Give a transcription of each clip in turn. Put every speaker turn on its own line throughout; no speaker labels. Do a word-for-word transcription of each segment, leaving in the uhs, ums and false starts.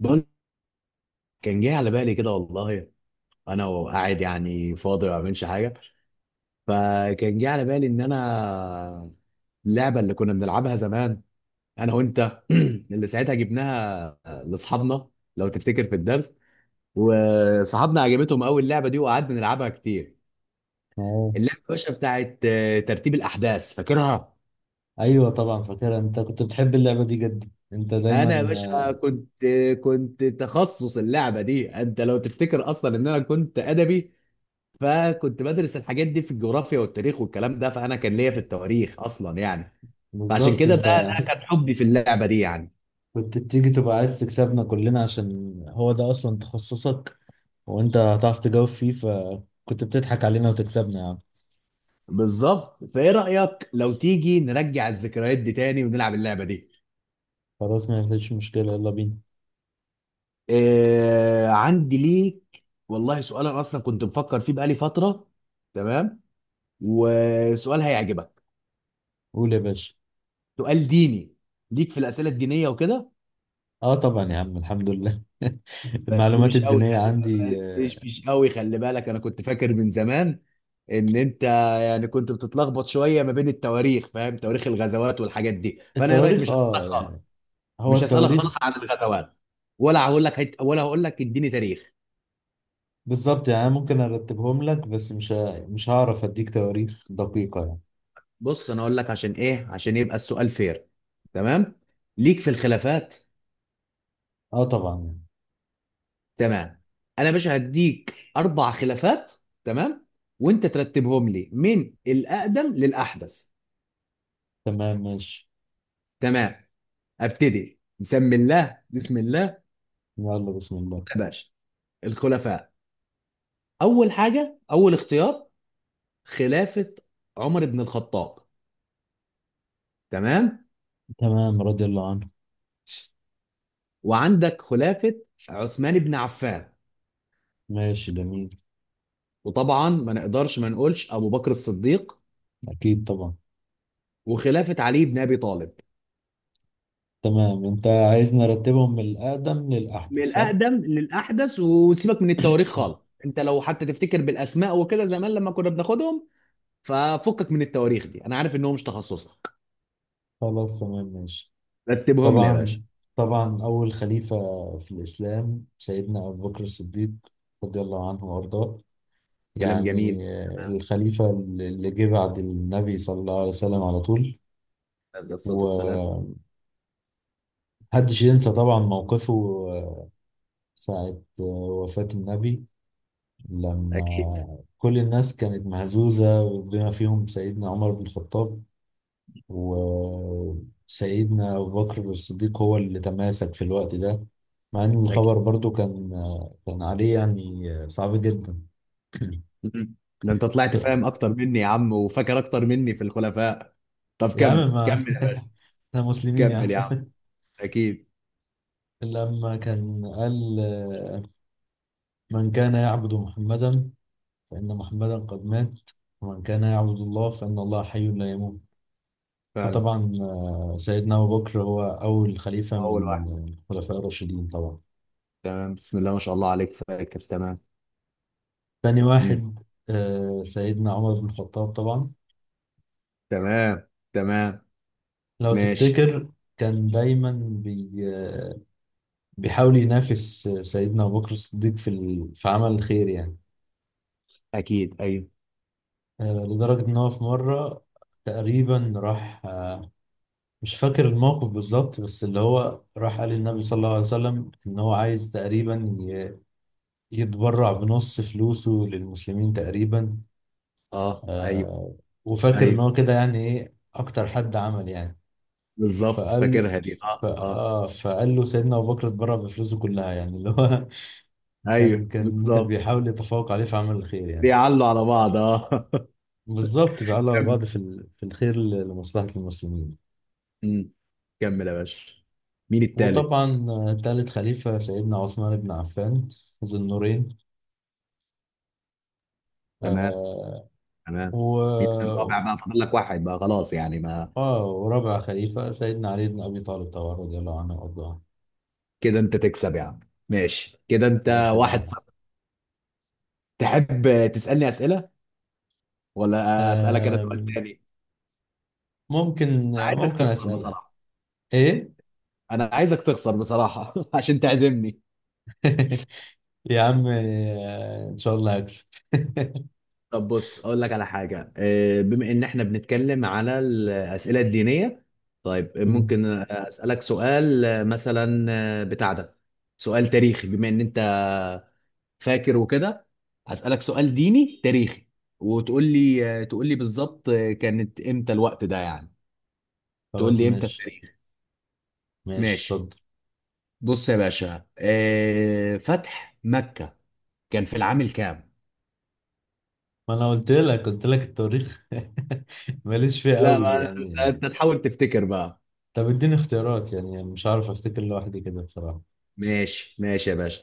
بقول، كان جه على بالي كده والله. انا وقاعد يعني فاضي ما بعملش حاجه. فكان جه على بالي ان انا اللعبه اللي كنا بنلعبها زمان انا وانت اللي ساعتها جبناها لاصحابنا، لو تفتكر في الدرس. وصحابنا عجبتهم قوي اللعبه دي وقعدنا نلعبها كتير.
اه،
اللعبه يا باشا بتاعت آه، ترتيب الاحداث، فاكرها؟
ايوه طبعا فاكرها. انت كنت بتحب اللعبه دي جدا، انت دايما
انا يا
آه،
باشا كنت كنت تخصص اللعبه دي. انت لو تفتكر اصلا ان انا كنت ادبي، فكنت بدرس الحاجات دي في الجغرافيا والتاريخ والكلام ده، فانا كان ليا في التواريخ اصلا يعني. فعشان
بالظبط.
كده، ده
انت
ده كان حبي في اللعبه دي يعني.
كنت بتيجي تبقى عايز تكسبنا كلنا عشان هو ده اصلا تخصصك، وانت هتعرف تجاوب فيه، فكنت بتضحك علينا وتكسبنا يا عم.
بالظبط، فايه رايك لو تيجي نرجع الذكريات دي تاني ونلعب اللعبه دي؟
خلاص ما فيش مشكله، يلا بينا.
آه، عندي ليك والله سؤال انا اصلا كنت مفكر فيه بقالي فتره. تمام. وسؤال هيعجبك.
قول يا باشا.
سؤال ديني. ليك في الاسئله الدينيه وكده.
اه طبعا يا عم، الحمد لله
بس
المعلومات
مش قوي
الدينيه
خلي
عندي،
بالك،
آه،
مش مش قوي خلي بالك، انا كنت فاكر من زمان ان انت يعني كنت بتتلخبط شويه ما بين التواريخ، فاهم، تواريخ الغزوات والحاجات دي. فانا ايه رايك،
التواريخ
مش هسالك
اه
خالص،
يعني، هو
مش هسالك خالص
التواريخ
عن الغزوات، ولا هقول لك هت... ولا هقول لك اديني تاريخ.
بالظبط. يعني أنا ممكن ارتبهم لك، بس مش ه- مش هعرف اديك تواريخ دقيقه يعني.
بص انا اقول لك عشان ايه، عشان يبقى السؤال فير. تمام. ليك في الخلافات.
اه طبعا يعني.
تمام. انا مش هديك اربع خلافات. تمام. وانت ترتبهم لي من الاقدم للاحدث.
تمام ماشي.
تمام. ابتدي، بسم الله بسم الله،
يلا بسم الله.
يا باشا. الخلفاء. اول حاجه، اول اختيار، خلافه عمر بن الخطاب. تمام.
تمام رضي الله عنه.
وعندك خلافه عثمان بن عفان.
ماشي جميل.
وطبعا ما نقدرش ما نقولش ابو بكر الصديق.
أكيد طبعا.
وخلافه علي بن ابي طالب.
تمام، أنت عايز نرتبهم من الأقدم
من
للأحدث صح؟
الاقدم للاحدث، وسيبك من التواريخ خالص. انت لو حتى تفتكر بالاسماء وكده زمان لما كنا بناخدهم. ففكك من التواريخ دي، انا عارف ان هو مش تخصصك.
خلاص تمام ماشي.
رتبهم لي يا باشا.
طبعا، طبعا أول خليفة في الإسلام سيدنا أبو بكر الصديق رضي الله عنه وأرضاه.
كلام جميل.
يعني آه،
تمام.
الخليفة اللي جه بعد النبي صلى الله عليه وسلم على طول.
عليه الصلاه والسلام.
ومحدش ينسى طبعا موقفه، آه، ساعة آه، وفاة النبي،
اكيد.
لما كل الناس كانت مهزوزة، بما فيهم سيدنا عمر بن الخطاب. وسيدنا أبو بكر الصديق هو اللي تماسك في الوقت ده، مع إن
اكيد.
الخبر برضو كان كان عليه يعني صعب جدا.
مم. ده انت طلعت فاهم اكتر مني يا عم، وفاكر اكتر مني في الخلفاء. طب
يا عم،
كمل
ما
كمل يا باشا.
احنا مسلمين يا عم.
كمل يا عم. اكيد.
لما كان قال آه، من كان يعبد محمدا فإن محمدا قد مات، ومن كان يعبد الله فإن الله حي لا يموت.
فعلا.
فطبعا آه، سيدنا أبو بكر هو أول خليفة
اول
من
واحد.
الخلفاء الراشدين طبعا.
تمام، بسم الله ما شاء الله عليك، فاكر. تمام.
تاني
مم.
واحد آه، سيدنا عمر بن الخطاب طبعا.
تمام. تمام.
لو
ماشي.
تفتكر، كان دايما بي آه، بيحاول ينافس آه، سيدنا أبو بكر الصديق في ال- في عمل الخير يعني.
اكيد. ايوه.
آه، لدرجة إن هو في مرة تقريبا راح آه، مش فاكر الموقف بالظبط، بس اللي هو راح قال للنبي صلى الله عليه وسلم إن هو عايز تقريبا ي- يتبرع بنص فلوسه للمسلمين تقريبا.
اه. ايوه.
آه وفاكر ان
ايوه
هو كده، يعني ايه اكتر حد عمل يعني.
بالظبط،
فقال،
فاكرها دي.
ف-
اه. اه.
آه فقال له سيدنا ابو بكر اتبرع بفلوسه كلها، يعني اللي هو كان
ايوه
كان
بالظبط،
بيحاول يتفوق عليه في عمل الخير يعني.
بيعلوا على بعض. اه.
بالظبط، بيعلوا على
كمل.
بعض في ال- في الخير ل- لمصلحة المسلمين.
مم. كمل يا باشا. مين التالت؟
وطبعا آه، تالت خليفة سيدنا عثمان بن عفان ذو النورين.
تمام.
آه
تمام. هي
و
الرابع بقى، فاضل لك واحد بقى، خلاص يعني ما.
اه ورابع خليفة سيدنا علي بن أبي طالب طبعا رضي الله عنه وأرضاه.
كده انت تكسب يا عم. ماشي. كده انت.
أي
واحد
خدمة.
صفر. تحب تسألني أسئلة، ولا أسألك أنا سؤال
آه
تاني؟
ممكن،
انا عايزك
ممكن
تخسر
اسالها
بصراحة.
ايه.
انا عايزك تخسر بصراحة عشان تعزمني.
يا عم آه، ان شاء الله هكسب.
طب بص اقول لك على حاجة، آه، بما ان احنا بنتكلم على الأسئلة الدينية. طيب
مم.
ممكن أسألك سؤال، آه، مثلا، آه، بتاع ده. سؤال تاريخي، بما ان انت فاكر وكده، هسألك سؤال ديني تاريخي. وتقول لي تقول لي بالظبط كانت امتى الوقت ده يعني. تقول
خلاص
لي امتى
ماشي.
التاريخ.
ماشي
ماشي.
اتفضل.
بص يا باشا، آه، فتح مكة كان في العام الكام؟
ما انا قلت لك، قلت لك التاريخ. ماليش فيه
لا،
قوي
ما
يعني.
انت تحاول تفتكر بقى.
طب اديني اختيارات، يعني مش عارف افتكر لوحدي كده بصراحة.
ماشي ماشي يا باشا.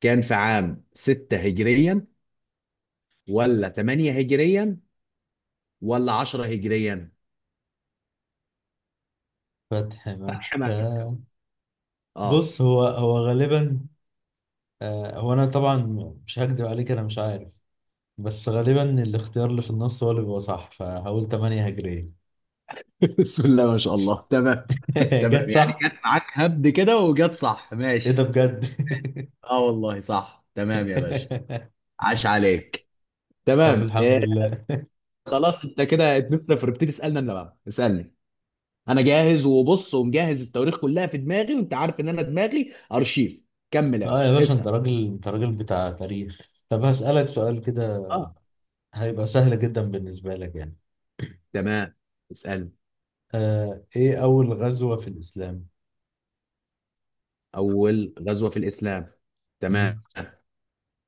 كان في عام ستة هجريا، ولا ثمانية هجريا، ولا عشرة هجريا؟
فتح
فتح مكة،
مكة.
اه.
بص، هو هو غالبا، آه هو انا طبعا مش هكدب عليك، انا مش عارف، بس غالبا الاختيار اللي في النص هو اللي بيبقى صح، فهقول تمانية هجرية.
بسم الله ما شاء الله. تمام.
جت
تمام يعني
صح.
جت معاك هبد كده وجت صح.
ايه ده
ماشي.
بجد.
اه والله صح، تمام يا باشا. عاش عليك.
طب
تمام.
الحمد
إيه.
لله.
خلاص، انت كده اتنفنا فبتدي تسالنا، انا بقى اسالني. انا جاهز، وبص ومجهز التواريخ كلها في دماغي، وانت عارف ان انا دماغي ارشيف. كمل يا
اه يا
باشا
باشا، انت
اسال.
راجل انت راجل بتاع تاريخ. طب هسألك سؤال كده
اه.
هيبقى سهل جدا بالنسبة لك يعني.
تمام. اسالني.
آه ايه أول غزوة في الإسلام؟
اول غزوه في الاسلام. تمام.
مم.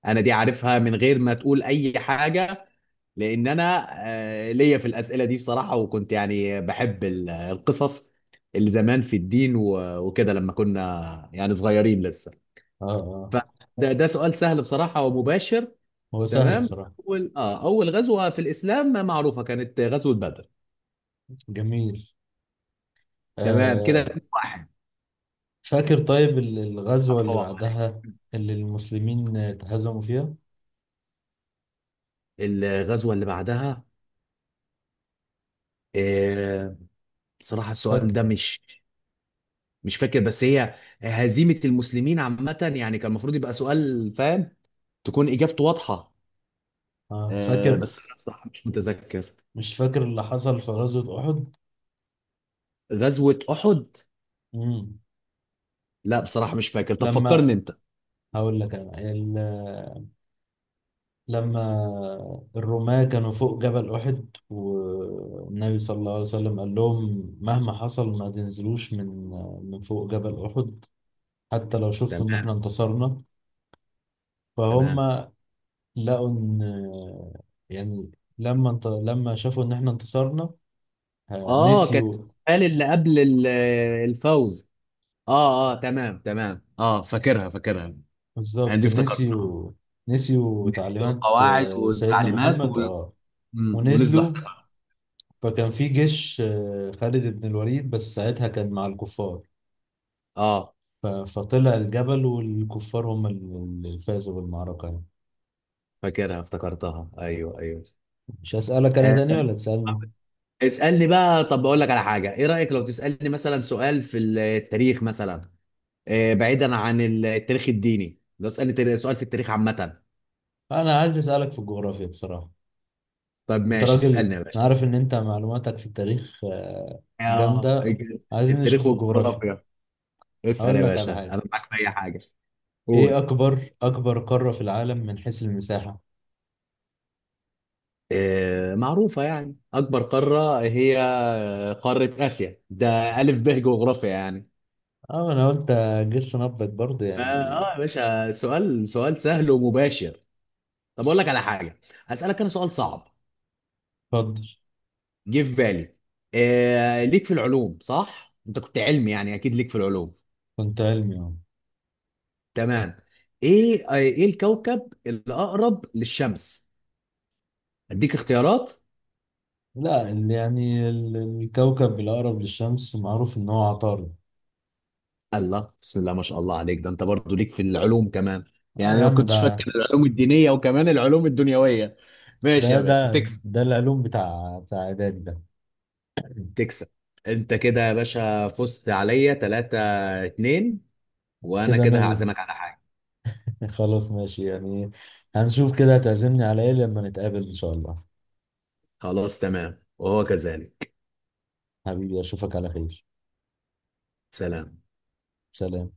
انا دي عارفها من غير ما تقول اي حاجه، لان انا آه، ليا في الاسئله دي بصراحه، وكنت يعني بحب ال- القصص اللي زمان في الدين، و- وكده لما كنا يعني صغيرين لسه.
اه اه.
فده، ده سؤال سهل بصراحه ومباشر.
هو سهل
تمام.
بصراحة.
اول اه اول غزوه في الاسلام معروفه كانت غزوه بدر.
جميل.
تمام، كده
آه
اتنين واحد.
فاكر. طيب ال- الغزوة اللي
هتفوق عليك؟
بعدها اللي المسلمين اتهزموا فيها؟
الغزوه اللي بعدها، آه بصراحه السؤال
فاكر.
ده مش مش فاكر، بس هي هزيمة المسلمين عامة، يعني كان المفروض يبقى سؤال فاهم، تكون إجابته واضحة.
اه
آه
فاكر.
بس أنا بصراحة مش متذكر.
مش فاكر اللي حصل في غزوة أحد؟
غزوة أحد.
مم.
لا بصراحة مش فاكر، طب
لما
فكرني أنت.
هقول لك انا، لما الرماة كانوا فوق جبل أحد والنبي صلى الله عليه وسلم قال لهم مهما حصل ما تنزلوش من من فوق جبل أحد حتى لو شفتوا
تمام.
إن إحنا انتصرنا.
تمام.
فهم لقوا إن، يعني، لما انت لما شافوا إن إحنا انتصرنا آه،
آه كانت،
نسيوا.
قال اللي قبل ال- الفوز. آه. آه. تمام. تمام. آه، فاكرها فاكرها. أنا
بالظبط،
دي افتكرتها.
نسيوا. نسيوا تعليمات
القواعد
آه، سيدنا
والتعليمات و...
محمد اه،
مم، ونزلوا
ونزلوا.
احتكار.
فكان في جيش آه، خالد بن الوليد، بس ساعتها كان مع الكفار.
آه،
ف- فطلع الجبل، والكفار هم ال- اللي فازوا بالمعركة يعني.
فاكرها، افتكرتها. أيوه أيوه.
مش هسألك أنا
آه.
تاني ولا تسألني؟
اسألني بقى. طب بقول لك على حاجة، ايه رأيك لو تسألني مثلا سؤال في التاريخ مثلا؟ آه، بعيدا عن التاريخ الديني، لو تسألني تاري- سؤال في التاريخ عامة.
أنا عايز أسألك في الجغرافيا بصراحة.
طب
أنت
ماشي، اسألني
راجل،
يا باشا.
أنا عارف إن أنت معلوماتك في التاريخ آه،
اه.
جامدة. عايزين
التاريخ
نشوف الجغرافيا.
والجغرافيا. اسأل
هقول
يا
لك على
باشا، انا
حاجة.
معاك في اي حاجة.
إيه
قول.
أكبر أكبر قارة في العالم من حيث المساحة؟
آه، معروفة يعني، أكبر قارة هي قارة آسيا، ده ألف ب جغرافيا يعني.
أه أنا قلت، جس نبضك برضه
فا،
يعني.
اه يا باشا، سؤال سؤال سهل ومباشر. طب أقول لك على حاجة، هسألك أنا سؤال صعب.
اتفضل.
جه في بالي. آه ليك في العلوم، صح؟ انت كنت علمي يعني، اكيد ليك في العلوم.
كنت علمي أهو.
تمام. ايه ايه الكوكب الاقرب للشمس؟ اديك اختيارات؟
لا، ال- يعني ال- الكوكب الأقرب للشمس معروف إن هو عطارد.
الله، بسم الله ما شاء الله عليك، ده انت برضو ليك في العلوم كمان.
آه
يعني
يا
انا ما
عم،
كنتش فاكر
ده
العلوم الدينية وكمان العلوم الدنيوية. ماشي
ده
يا باشا،
ده
تكسب.
ده العلوم بتاع بتاع اعدادي ده.
تكسب. انت كده يا باشا فزت عليا تلاته اتنين، وانا
كده انا
كده
ال...
هعزمك على حاجة.
خلاص ماشي يعني، هنشوف كده هتعزمني على ايه لما نتقابل ان شاء الله.
خلاص، تمام، وهو كذلك.
حبيبي اشوفك على خير.
سلام.
سلام.